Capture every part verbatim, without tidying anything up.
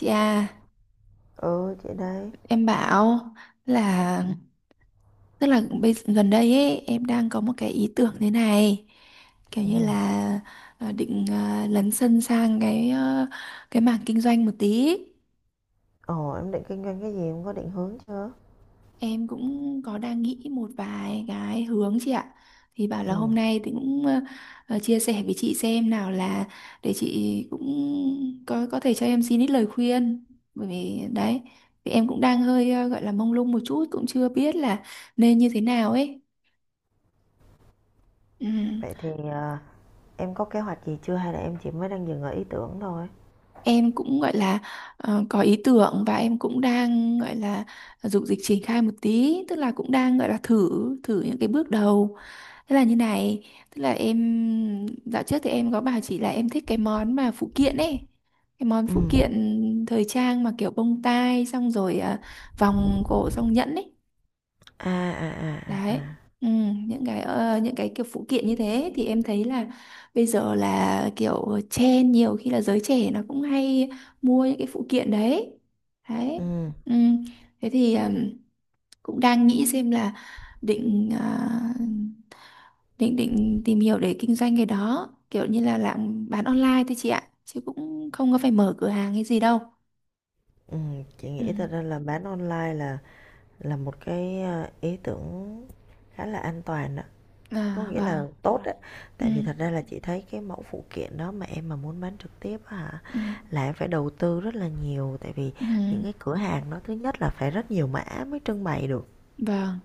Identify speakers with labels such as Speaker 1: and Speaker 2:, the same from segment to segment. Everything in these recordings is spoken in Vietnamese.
Speaker 1: Chị à,
Speaker 2: Ừ, chị đây.
Speaker 1: em bảo là tức là bây, gần đây ấy em đang có một cái ý tưởng thế này kiểu
Speaker 2: Ừ,
Speaker 1: như là ờ, định ờ, lấn sân sang cái ờ, cái mảng kinh doanh một tí.
Speaker 2: Ồ, em định kinh doanh cái gì, em có định hướng chưa?
Speaker 1: Em cũng có đang nghĩ một vài cái hướng chị ạ. Thì bảo là
Speaker 2: Ừ.
Speaker 1: hôm nay thì cũng ờ, ờ, chia sẻ với chị xem nào, là để chị cũng có có thể cho em xin ít lời khuyên. Bởi vì đấy, thì em cũng đang hơi ờ, gọi là mông lung một chút, cũng chưa biết là nên như thế nào ấy. Ừm,
Speaker 2: Vậy thì à, em có kế hoạch gì chưa hay là em chỉ mới đang dừng ở ý tưởng thôi?
Speaker 1: Em cũng gọi là ờ, có ý tưởng, và em cũng đang gọi là dục dịch triển khai một tí, tức là cũng đang gọi là thử thử những cái bước đầu. Thế là như này, tức là em dạo trước thì em có bảo chị là em thích cái món mà phụ kiện ấy. Cái món
Speaker 2: Ừ.
Speaker 1: phụ kiện thời trang mà kiểu bông tai xong rồi à, vòng cổ xong nhẫn ấy.
Speaker 2: À à à à,
Speaker 1: Đấy.
Speaker 2: à.
Speaker 1: Ừ, những cái ờ, những cái kiểu phụ kiện như thế thì em thấy là bây giờ là kiểu trend, nhiều khi là giới trẻ nó cũng hay mua những cái phụ kiện đấy. Đấy.
Speaker 2: Ừ.
Speaker 1: Ừ. Thế thì ừm, cũng đang nghĩ xem là định à, định định tìm hiểu để kinh doanh cái đó, kiểu như là làm bán online thôi chị ạ, chứ cũng không có phải mở cửa hàng hay gì đâu.
Speaker 2: Ừ, chị
Speaker 1: Ừ.
Speaker 2: nghĩ thật ra là bán online là là một cái à, ý tưởng khá là an toàn đó. Có
Speaker 1: À
Speaker 2: nghĩa là
Speaker 1: vâng.
Speaker 2: tốt đấy.
Speaker 1: Ừ.
Speaker 2: Tại vì thật ra là chị thấy cái mẫu phụ kiện đó mà em mà muốn bán trực tiếp á hả
Speaker 1: Ừ.
Speaker 2: là em phải đầu tư rất là nhiều, tại vì
Speaker 1: Ừ.
Speaker 2: những cái cửa hàng đó thứ nhất là phải rất nhiều mã mới trưng bày được.
Speaker 1: Vâng,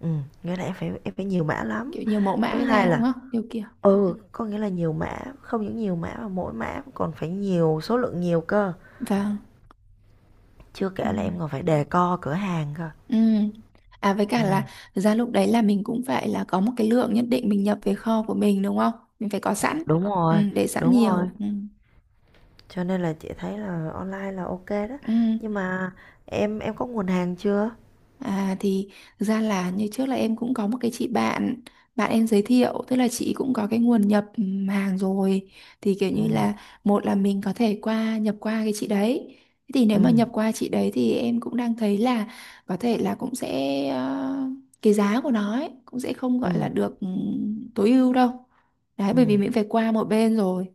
Speaker 2: Ừm, nghĩa là em phải em phải nhiều mã lắm.
Speaker 1: kiểu nhiều mẫu
Speaker 2: Thứ
Speaker 1: mã
Speaker 2: hai
Speaker 1: ra đúng
Speaker 2: là
Speaker 1: không, nhiều kiểu. Ừ.
Speaker 2: ừ, có nghĩa là nhiều mã, không những nhiều mã mà mỗi mã còn phải nhiều, số lượng nhiều cơ.
Speaker 1: Vâng.
Speaker 2: Chưa
Speaker 1: Ừ.
Speaker 2: kể là em còn phải đề co cửa hàng cơ.
Speaker 1: Ừ. À với cả
Speaker 2: Ừm,
Speaker 1: là thực ra lúc đấy là mình cũng phải là có một cái lượng nhất định mình nhập về kho của mình đúng không, mình phải có sẵn.
Speaker 2: đúng
Speaker 1: Ừ,
Speaker 2: rồi,
Speaker 1: để sẵn
Speaker 2: đúng rồi.
Speaker 1: nhiều. Ừ.
Speaker 2: Cho nên là chị thấy là online là ok đó.
Speaker 1: Ừ.
Speaker 2: Nhưng mà em em có nguồn hàng chưa?
Speaker 1: À thì thực ra là như trước là em cũng có một cái chị bạn, bạn em giới thiệu, tức là chị cũng có cái nguồn nhập ừm, hàng rồi, thì kiểu như
Speaker 2: Ừm,
Speaker 1: là một là mình có thể qua nhập qua cái chị đấy. Thế thì nếu mà nhập
Speaker 2: ừm,
Speaker 1: qua chị đấy thì em cũng đang thấy là có thể là cũng sẽ ờ, cái giá của nó ấy, cũng sẽ không gọi là
Speaker 2: ừm,
Speaker 1: được ừm, tối ưu đâu, đấy, bởi vì
Speaker 2: ừm,
Speaker 1: mình phải qua một bên rồi.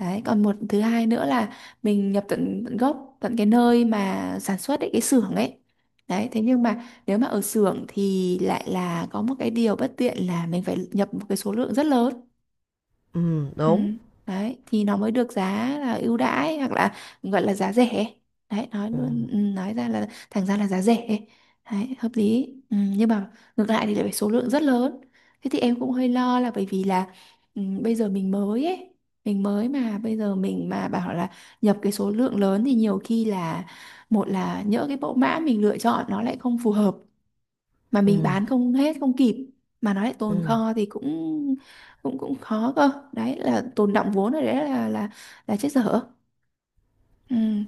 Speaker 1: Đấy, còn một, thứ hai nữa là mình nhập tận, tận gốc, tận cái nơi mà sản xuất ấy, cái xưởng ấy. Đấy, thế nhưng mà nếu mà ở xưởng thì lại là có một cái điều bất tiện, là mình phải nhập một cái số lượng rất lớn.
Speaker 2: ừm,
Speaker 1: Ừ.
Speaker 2: đúng.
Speaker 1: Đấy, thì nó mới được giá là ưu đãi, hoặc là gọi là giá rẻ. Đấy, nói luôn,
Speaker 2: Ừm,
Speaker 1: ừ, nói ra là thành ra là giá rẻ. Đấy, hợp lý. Ừ, nhưng mà ngược lại thì lại phải số lượng rất lớn. Thế thì em cũng hơi lo là bởi vì là ừ, bây giờ mình mới ấy, mình mới mà bây giờ mình mà bảo là nhập cái số lượng lớn thì nhiều khi là một là nhỡ cái mẫu mã mình lựa chọn nó lại không phù hợp, mà mình
Speaker 2: ừm,
Speaker 1: bán không hết không kịp, mà nó lại tồn
Speaker 2: ừm.
Speaker 1: kho thì cũng cũng cũng khó cơ, đấy là tồn đọng vốn rồi, đấy là là là chết dở. Ừ.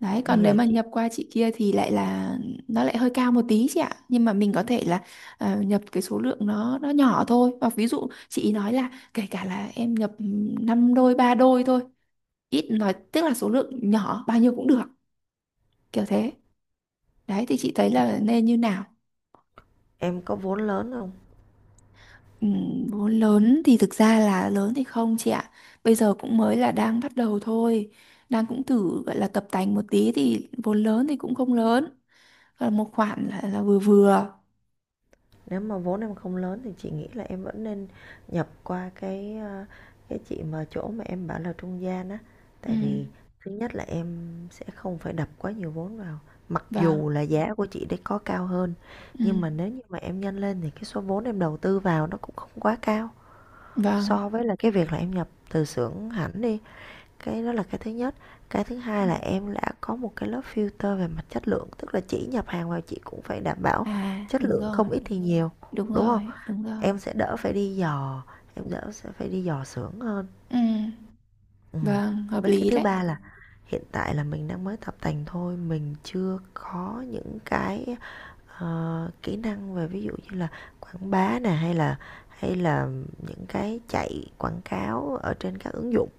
Speaker 1: Đấy,
Speaker 2: Bây
Speaker 1: còn nếu
Speaker 2: giờ
Speaker 1: mà
Speaker 2: chị
Speaker 1: nhập qua chị kia thì lại là nó lại hơi cao một tí chị ạ, nhưng mà mình có thể là ờ, nhập cái số lượng nó nó nhỏ thôi, và ví dụ chị ý nói là kể cả là em nhập năm đôi ba đôi thôi, ít nói tức là số lượng nhỏ bao nhiêu cũng được, kiểu thế. Đấy, thì chị thấy là nên như nào?
Speaker 2: em có vốn lớn không?
Speaker 1: Ừ, vốn lớn thì thực ra là lớn thì không chị ạ. Bây giờ cũng mới là đang bắt đầu thôi. Đang cũng thử gọi là tập tành một tí thì vốn lớn thì cũng không lớn. Còn một khoản là, là vừa vừa.
Speaker 2: Nếu mà vốn em không lớn thì chị nghĩ là em vẫn nên nhập qua cái, ờ, cái chị mà chỗ mà em bảo là trung gian á.
Speaker 1: Ừ,
Speaker 2: Tại vì thứ nhất là em sẽ không phải đập quá nhiều vốn vào. Mặc
Speaker 1: vâng,
Speaker 2: dù là giá của chị đấy có cao hơn,
Speaker 1: ừ,
Speaker 2: nhưng mà nếu như mà em nhân lên thì cái số vốn em đầu tư vào nó cũng không quá cao
Speaker 1: vâng.
Speaker 2: so với là cái việc là em nhập từ xưởng hẳn đi. Cái đó là cái thứ nhất. Cái thứ
Speaker 1: Ừ.
Speaker 2: hai là em đã có một cái lớp filter về mặt chất lượng, tức là chỉ nhập hàng vào chị cũng phải đảm bảo
Speaker 1: À,
Speaker 2: chất
Speaker 1: đúng
Speaker 2: lượng
Speaker 1: rồi,
Speaker 2: không ít thì nhiều,
Speaker 1: đúng
Speaker 2: đúng không?
Speaker 1: rồi, đúng rồi.
Speaker 2: Em sẽ đỡ phải đi dò, em đỡ sẽ phải đi dò xưởng hơn.
Speaker 1: Ừ,
Speaker 2: Ừm.
Speaker 1: vâng, hợp
Speaker 2: Với cái
Speaker 1: lý
Speaker 2: thứ
Speaker 1: đấy.
Speaker 2: ba là hiện tại là mình đang mới tập tành thôi, mình chưa có những cái, ờ, kỹ năng về ví dụ như là quảng bá nè, hay là hay là những cái chạy quảng cáo ở trên các ứng dụng.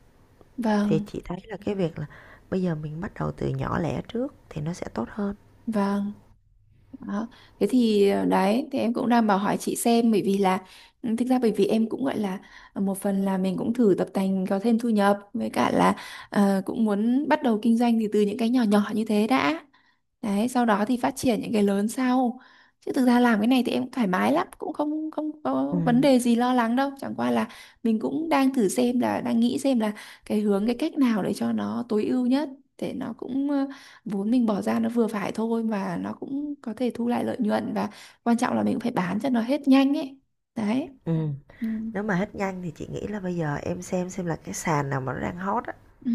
Speaker 2: Thì
Speaker 1: Vâng,
Speaker 2: chị thấy là cái việc là bây giờ mình bắt đầu từ nhỏ lẻ trước thì nó sẽ tốt hơn.
Speaker 1: vâng. Đó. Thế thì ờ, đấy thì em cũng đang bảo hỏi chị xem, bởi vì là ừ, thực ra bởi vì em cũng gọi là ờ, một phần là mình cũng thử tập tành có thêm thu nhập, với cả là ờ, cũng muốn bắt đầu kinh doanh thì từ những cái nhỏ nhỏ như thế đã, đấy sau đó thì phát triển những cái lớn sau. Chứ thực ra làm cái này thì em cũng thoải mái lắm, cũng không không có vấn
Speaker 2: Ừm,
Speaker 1: đề gì lo lắng đâu, chẳng qua là mình cũng đang thử xem là đang nghĩ xem là cái hướng, cái cách nào để cho nó tối ưu nhất, để nó cũng ờ, vốn mình bỏ ra nó vừa phải thôi, mà nó cũng có thể thu lại lợi nhuận, và quan trọng là mình cũng phải bán cho nó hết nhanh ấy. Đấy.
Speaker 2: ừm.
Speaker 1: Ừ.
Speaker 2: Nếu mà hết nhanh thì chị nghĩ là bây giờ em xem xem là cái sàn nào mà nó đang hot á
Speaker 1: Ừ.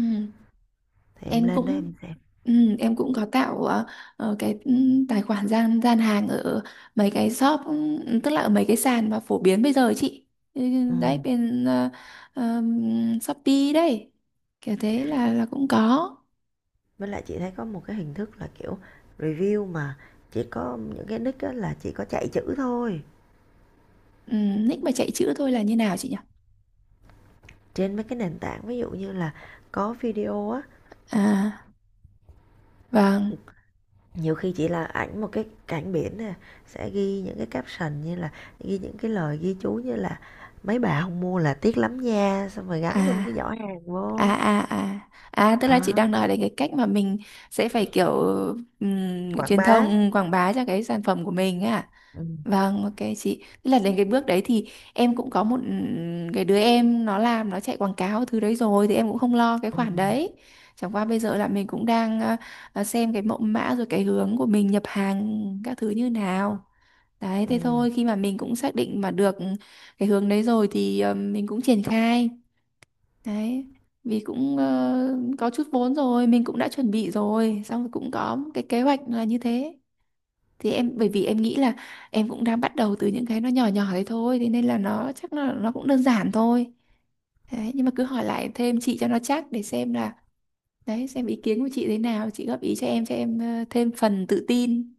Speaker 2: thì em
Speaker 1: em
Speaker 2: lên đó
Speaker 1: cũng
Speaker 2: em xem.
Speaker 1: Ừ, em cũng có tạo ờ, ờ, cái ừ, tài khoản gian gian hàng ở mấy cái shop, ừ, tức là ở mấy cái sàn mà phổ biến bây giờ ấy chị. Ừ, đấy
Speaker 2: Ừm.
Speaker 1: bên ờ, ờm, Shopee đấy, kiểu thế, là là cũng có.
Speaker 2: Với lại chị thấy có một cái hình thức là kiểu review mà chỉ có những cái nick á là chỉ có chạy chữ thôi,
Speaker 1: Ừ. Nick mà chạy chữ thôi là như nào chị nhỉ?
Speaker 2: trên mấy cái nền tảng ví dụ như là có video á,
Speaker 1: À vâng.
Speaker 2: nhiều khi chỉ là ảnh một cái cảnh biển nè, sẽ ghi những cái caption như là ghi những cái lời ghi chú như là mấy bà không mua là tiếc lắm nha, xong rồi gắn thêm
Speaker 1: à
Speaker 2: cái giỏ hàng
Speaker 1: à
Speaker 2: vô.
Speaker 1: à à À, tức là chị
Speaker 2: Đó,
Speaker 1: đang nói đến cái cách mà mình sẽ phải kiểu ừm,
Speaker 2: quảng
Speaker 1: truyền
Speaker 2: bá,
Speaker 1: thông, ừm, quảng bá cho cái sản phẩm của mình ấy à?
Speaker 2: ừ.
Speaker 1: Vâng, ok chị, tức là đến cái bước đấy thì em cũng có một ừm, cái đứa em nó làm, nó chạy quảng cáo thứ đấy rồi, thì em cũng không lo cái
Speaker 2: Ừ.
Speaker 1: khoản đấy. Chẳng qua bây giờ là mình cũng đang ờ, ờ, xem cái mẫu mã rồi cái hướng của mình nhập hàng các thứ như nào. Đấy, thế
Speaker 2: Ừ.
Speaker 1: thôi, khi mà mình cũng xác định mà được cái hướng đấy rồi thì ờ, mình cũng triển khai. Đấy, vì cũng ờ, có chút vốn rồi, mình cũng đã chuẩn bị rồi, xong rồi cũng có một cái kế hoạch là như thế. Thì em bởi vì em nghĩ là em cũng đang bắt đầu từ những cái nó nhỏ nhỏ đấy thôi, thế nên là nó chắc là nó cũng đơn giản thôi. Đấy, nhưng mà cứ hỏi lại thêm chị cho nó chắc, để xem là đấy xem ý kiến của chị thế nào, chị góp ý cho em, cho em ờ, thêm phần tự tin.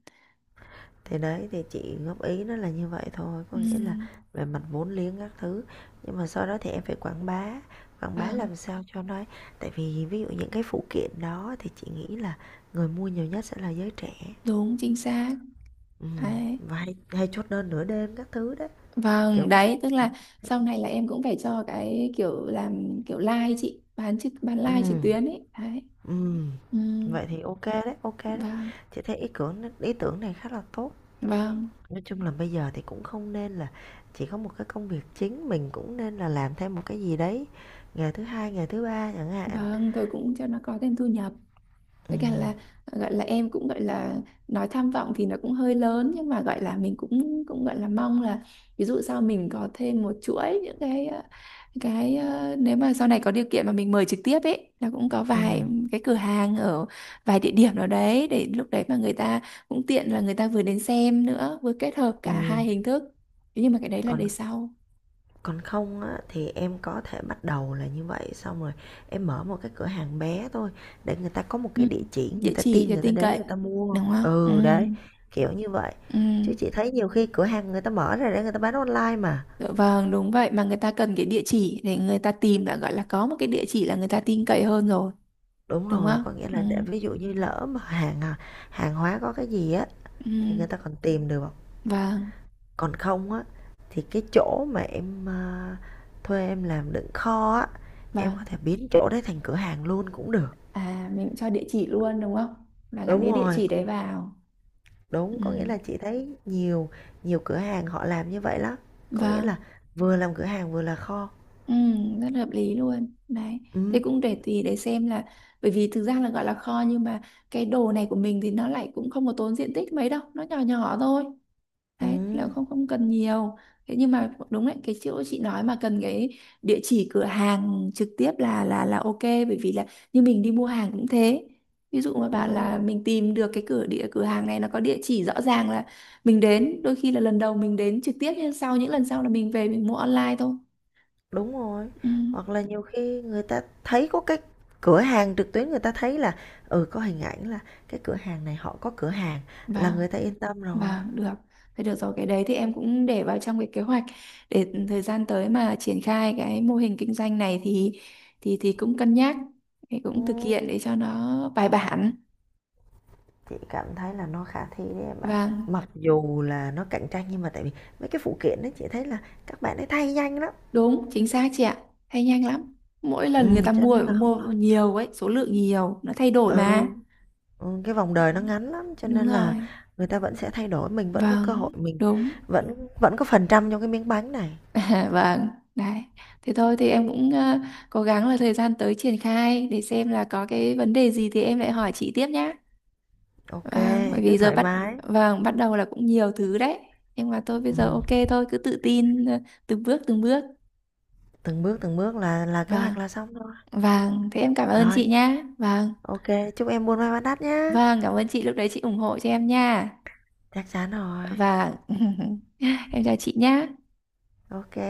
Speaker 2: Thì đấy, thì chị góp ý nó là như vậy thôi, có
Speaker 1: Ừ,
Speaker 2: nghĩa là về mặt vốn liếng các thứ, nhưng mà sau đó thì em phải quảng bá, quảng bá
Speaker 1: vâng,
Speaker 2: làm sao cho nó, tại vì ví dụ những cái phụ kiện đó thì chị nghĩ là người mua nhiều nhất sẽ là giới trẻ.
Speaker 1: đúng chính xác.
Speaker 2: Ừm,
Speaker 1: Đấy.
Speaker 2: và hay hay chốt đơn nửa đêm các thứ đấy, kiểu
Speaker 1: Vâng,
Speaker 2: vậy.
Speaker 1: đấy, tức
Speaker 2: Hả?
Speaker 1: là sau này là em cũng phải cho cái kiểu làm kiểu live chị, bán trực bán live trực
Speaker 2: Ừm,
Speaker 1: tuyến ấy. Đấy.
Speaker 2: ừm.
Speaker 1: Ừ,
Speaker 2: Vậy thì ok đấy, ok đấy.
Speaker 1: vâng,
Speaker 2: Chị thấy ý tưởng ý tưởng này khá là tốt.
Speaker 1: vâng,
Speaker 2: Nói chung là bây giờ thì cũng không nên là chỉ có một cái công việc chính, mình cũng nên là làm thêm một cái gì đấy, ngày thứ Hai, ngày thứ Ba chẳng hạn.
Speaker 1: vâng, tôi cũng cho nó có thêm thu nhập. Với cả
Speaker 2: Ừm,
Speaker 1: là gọi là em cũng gọi là nói tham vọng thì nó cũng hơi lớn, nhưng mà gọi là mình cũng cũng gọi là mong là ví dụ sau mình có thêm một chuỗi những cái ờ, cái ờ, nếu mà sau này có điều kiện mà mình mời trực tiếp ấy, là cũng có vài
Speaker 2: ừm,
Speaker 1: cái cửa hàng ở vài địa điểm nào đấy, để lúc đấy mà người ta cũng tiện là người ta vừa đến xem nữa, vừa kết hợp cả hai
Speaker 2: ừm.
Speaker 1: hình thức. Thế nhưng mà cái đấy là đời
Speaker 2: Còn
Speaker 1: sau.
Speaker 2: còn không á thì em có thể bắt đầu là như vậy, xong rồi em mở một cái cửa hàng bé thôi, để người ta có một
Speaker 1: Ừ.
Speaker 2: cái địa chỉ, người
Speaker 1: Địa
Speaker 2: ta
Speaker 1: chỉ
Speaker 2: tin
Speaker 1: cho
Speaker 2: người ta
Speaker 1: tin
Speaker 2: đến
Speaker 1: cậy
Speaker 2: người ta mua.
Speaker 1: đúng không? Ừ.
Speaker 2: Ừ, đấy, kiểu như vậy. Chứ
Speaker 1: Ừ.
Speaker 2: chị thấy nhiều khi cửa hàng người ta mở ra để người ta bán online mà.
Speaker 1: Dạ vâng, đúng vậy, mà người ta cần cái địa chỉ để người ta tìm đã, gọi là có một cái địa chỉ là người ta tin cậy hơn rồi,
Speaker 2: Đúng
Speaker 1: đúng
Speaker 2: rồi,
Speaker 1: không?
Speaker 2: có nghĩa
Speaker 1: Ừ.
Speaker 2: là để ví dụ như lỡ mà hàng à, hàng hóa có cái gì á thì
Speaker 1: Ừ.
Speaker 2: người ta còn tìm được,
Speaker 1: Vâng,
Speaker 2: còn không á thì cái chỗ mà em à, thuê em làm đựng kho á, em có thể
Speaker 1: vâng.
Speaker 2: biến chỗ đấy thành cửa hàng luôn cũng được.
Speaker 1: À mình cũng cho địa chỉ luôn đúng không? Là gắn
Speaker 2: Đúng
Speaker 1: cái địa
Speaker 2: rồi,
Speaker 1: chỉ đấy vào. Ừ.
Speaker 2: đúng có nghĩa là chị thấy nhiều nhiều cửa hàng họ làm như vậy lắm, có nghĩa là
Speaker 1: Vâng.
Speaker 2: vừa làm cửa hàng vừa là kho.
Speaker 1: Ừ, rất hợp lý luôn. Đấy. Thế
Speaker 2: Ừ,
Speaker 1: cũng để tùy để xem là, bởi vì thực ra là gọi là kho, nhưng mà cái đồ này của mình thì nó lại cũng không có tốn diện tích mấy đâu, nó nhỏ nhỏ thôi. Đấy, thế là
Speaker 2: ừ,
Speaker 1: không không cần nhiều. Thế nhưng mà đúng đấy, cái chỗ chị nói mà cần cái địa chỉ cửa hàng trực tiếp là là là ok, bởi vì là như mình đi mua hàng cũng thế. Ví dụ mà
Speaker 2: ừ,
Speaker 1: bạn là mình tìm được cái cửa địa cửa hàng này nó có địa chỉ rõ ràng là mình đến, đôi khi là lần đầu mình đến trực tiếp, nhưng sau những lần sau là mình về mình mua online thôi.
Speaker 2: đúng rồi.
Speaker 1: Ừ.
Speaker 2: Hoặc là nhiều khi người ta thấy có cái cửa hàng trực tuyến, người ta thấy là ừ có hình ảnh là cái cửa hàng này họ có cửa hàng là
Speaker 1: Vâng.
Speaker 2: người ta yên tâm rồi.
Speaker 1: Vâng, được. Thế được rồi, cái đấy thì em cũng để vào trong cái kế hoạch, để thời gian tới mà triển khai cái mô hình kinh doanh này thì thì thì cũng cân nhắc, thì
Speaker 2: Ừ,
Speaker 1: cũng thực hiện để cho nó bài bản.
Speaker 2: chị cảm thấy là nó khả thi đấy em ạ.
Speaker 1: Vâng,
Speaker 2: Mặc dù là nó cạnh tranh nhưng mà tại vì mấy cái phụ kiện đó chị thấy là các bạn ấy thay nhanh lắm.
Speaker 1: đúng, chính xác chị ạ. Thay nhanh lắm. Mỗi lần người
Speaker 2: Ừ,
Speaker 1: ta
Speaker 2: cho
Speaker 1: mua
Speaker 2: nên là không
Speaker 1: mua
Speaker 2: lo.
Speaker 1: nhiều ấy, số lượng nhiều, nó thay đổi
Speaker 2: Ừ,
Speaker 1: mà.
Speaker 2: ừ, cái vòng
Speaker 1: Đấy,
Speaker 2: đời nó ngắn lắm cho
Speaker 1: đúng
Speaker 2: nên là
Speaker 1: rồi.
Speaker 2: người ta vẫn sẽ thay đổi, mình vẫn có cơ
Speaker 1: Vâng,
Speaker 2: hội, mình
Speaker 1: đúng.
Speaker 2: vẫn vẫn có phần trăm trong cái miếng bánh này.
Speaker 1: À, vâng, đấy. Thế thôi thì em cũng ờ, cố gắng là thời gian tới triển khai, để xem là có cái vấn đề gì thì em lại hỏi chị tiếp nhá.
Speaker 2: Ok,
Speaker 1: Vâng, bởi
Speaker 2: cứ
Speaker 1: vì giờ
Speaker 2: thoải
Speaker 1: bắt
Speaker 2: mái.
Speaker 1: vâng, bắt đầu là cũng nhiều thứ đấy. Nhưng mà tôi bây
Speaker 2: Ừ,
Speaker 1: giờ ok thôi, cứ tự tin, ờ, từng bước từng bước.
Speaker 2: từng bước từng bước là là kế
Speaker 1: Vâng,
Speaker 2: hoạch là xong thôi.
Speaker 1: vâng, thế em cảm ơn
Speaker 2: Rồi,
Speaker 1: chị nhá. Vâng,
Speaker 2: ok, chúc em buôn may bán đắt nhá.
Speaker 1: vâng, cảm ơn chị, lúc đấy chị ủng hộ cho em nha.
Speaker 2: Chắc chắn rồi.
Speaker 1: Vâng. Em chào chị nhá.
Speaker 2: Ok.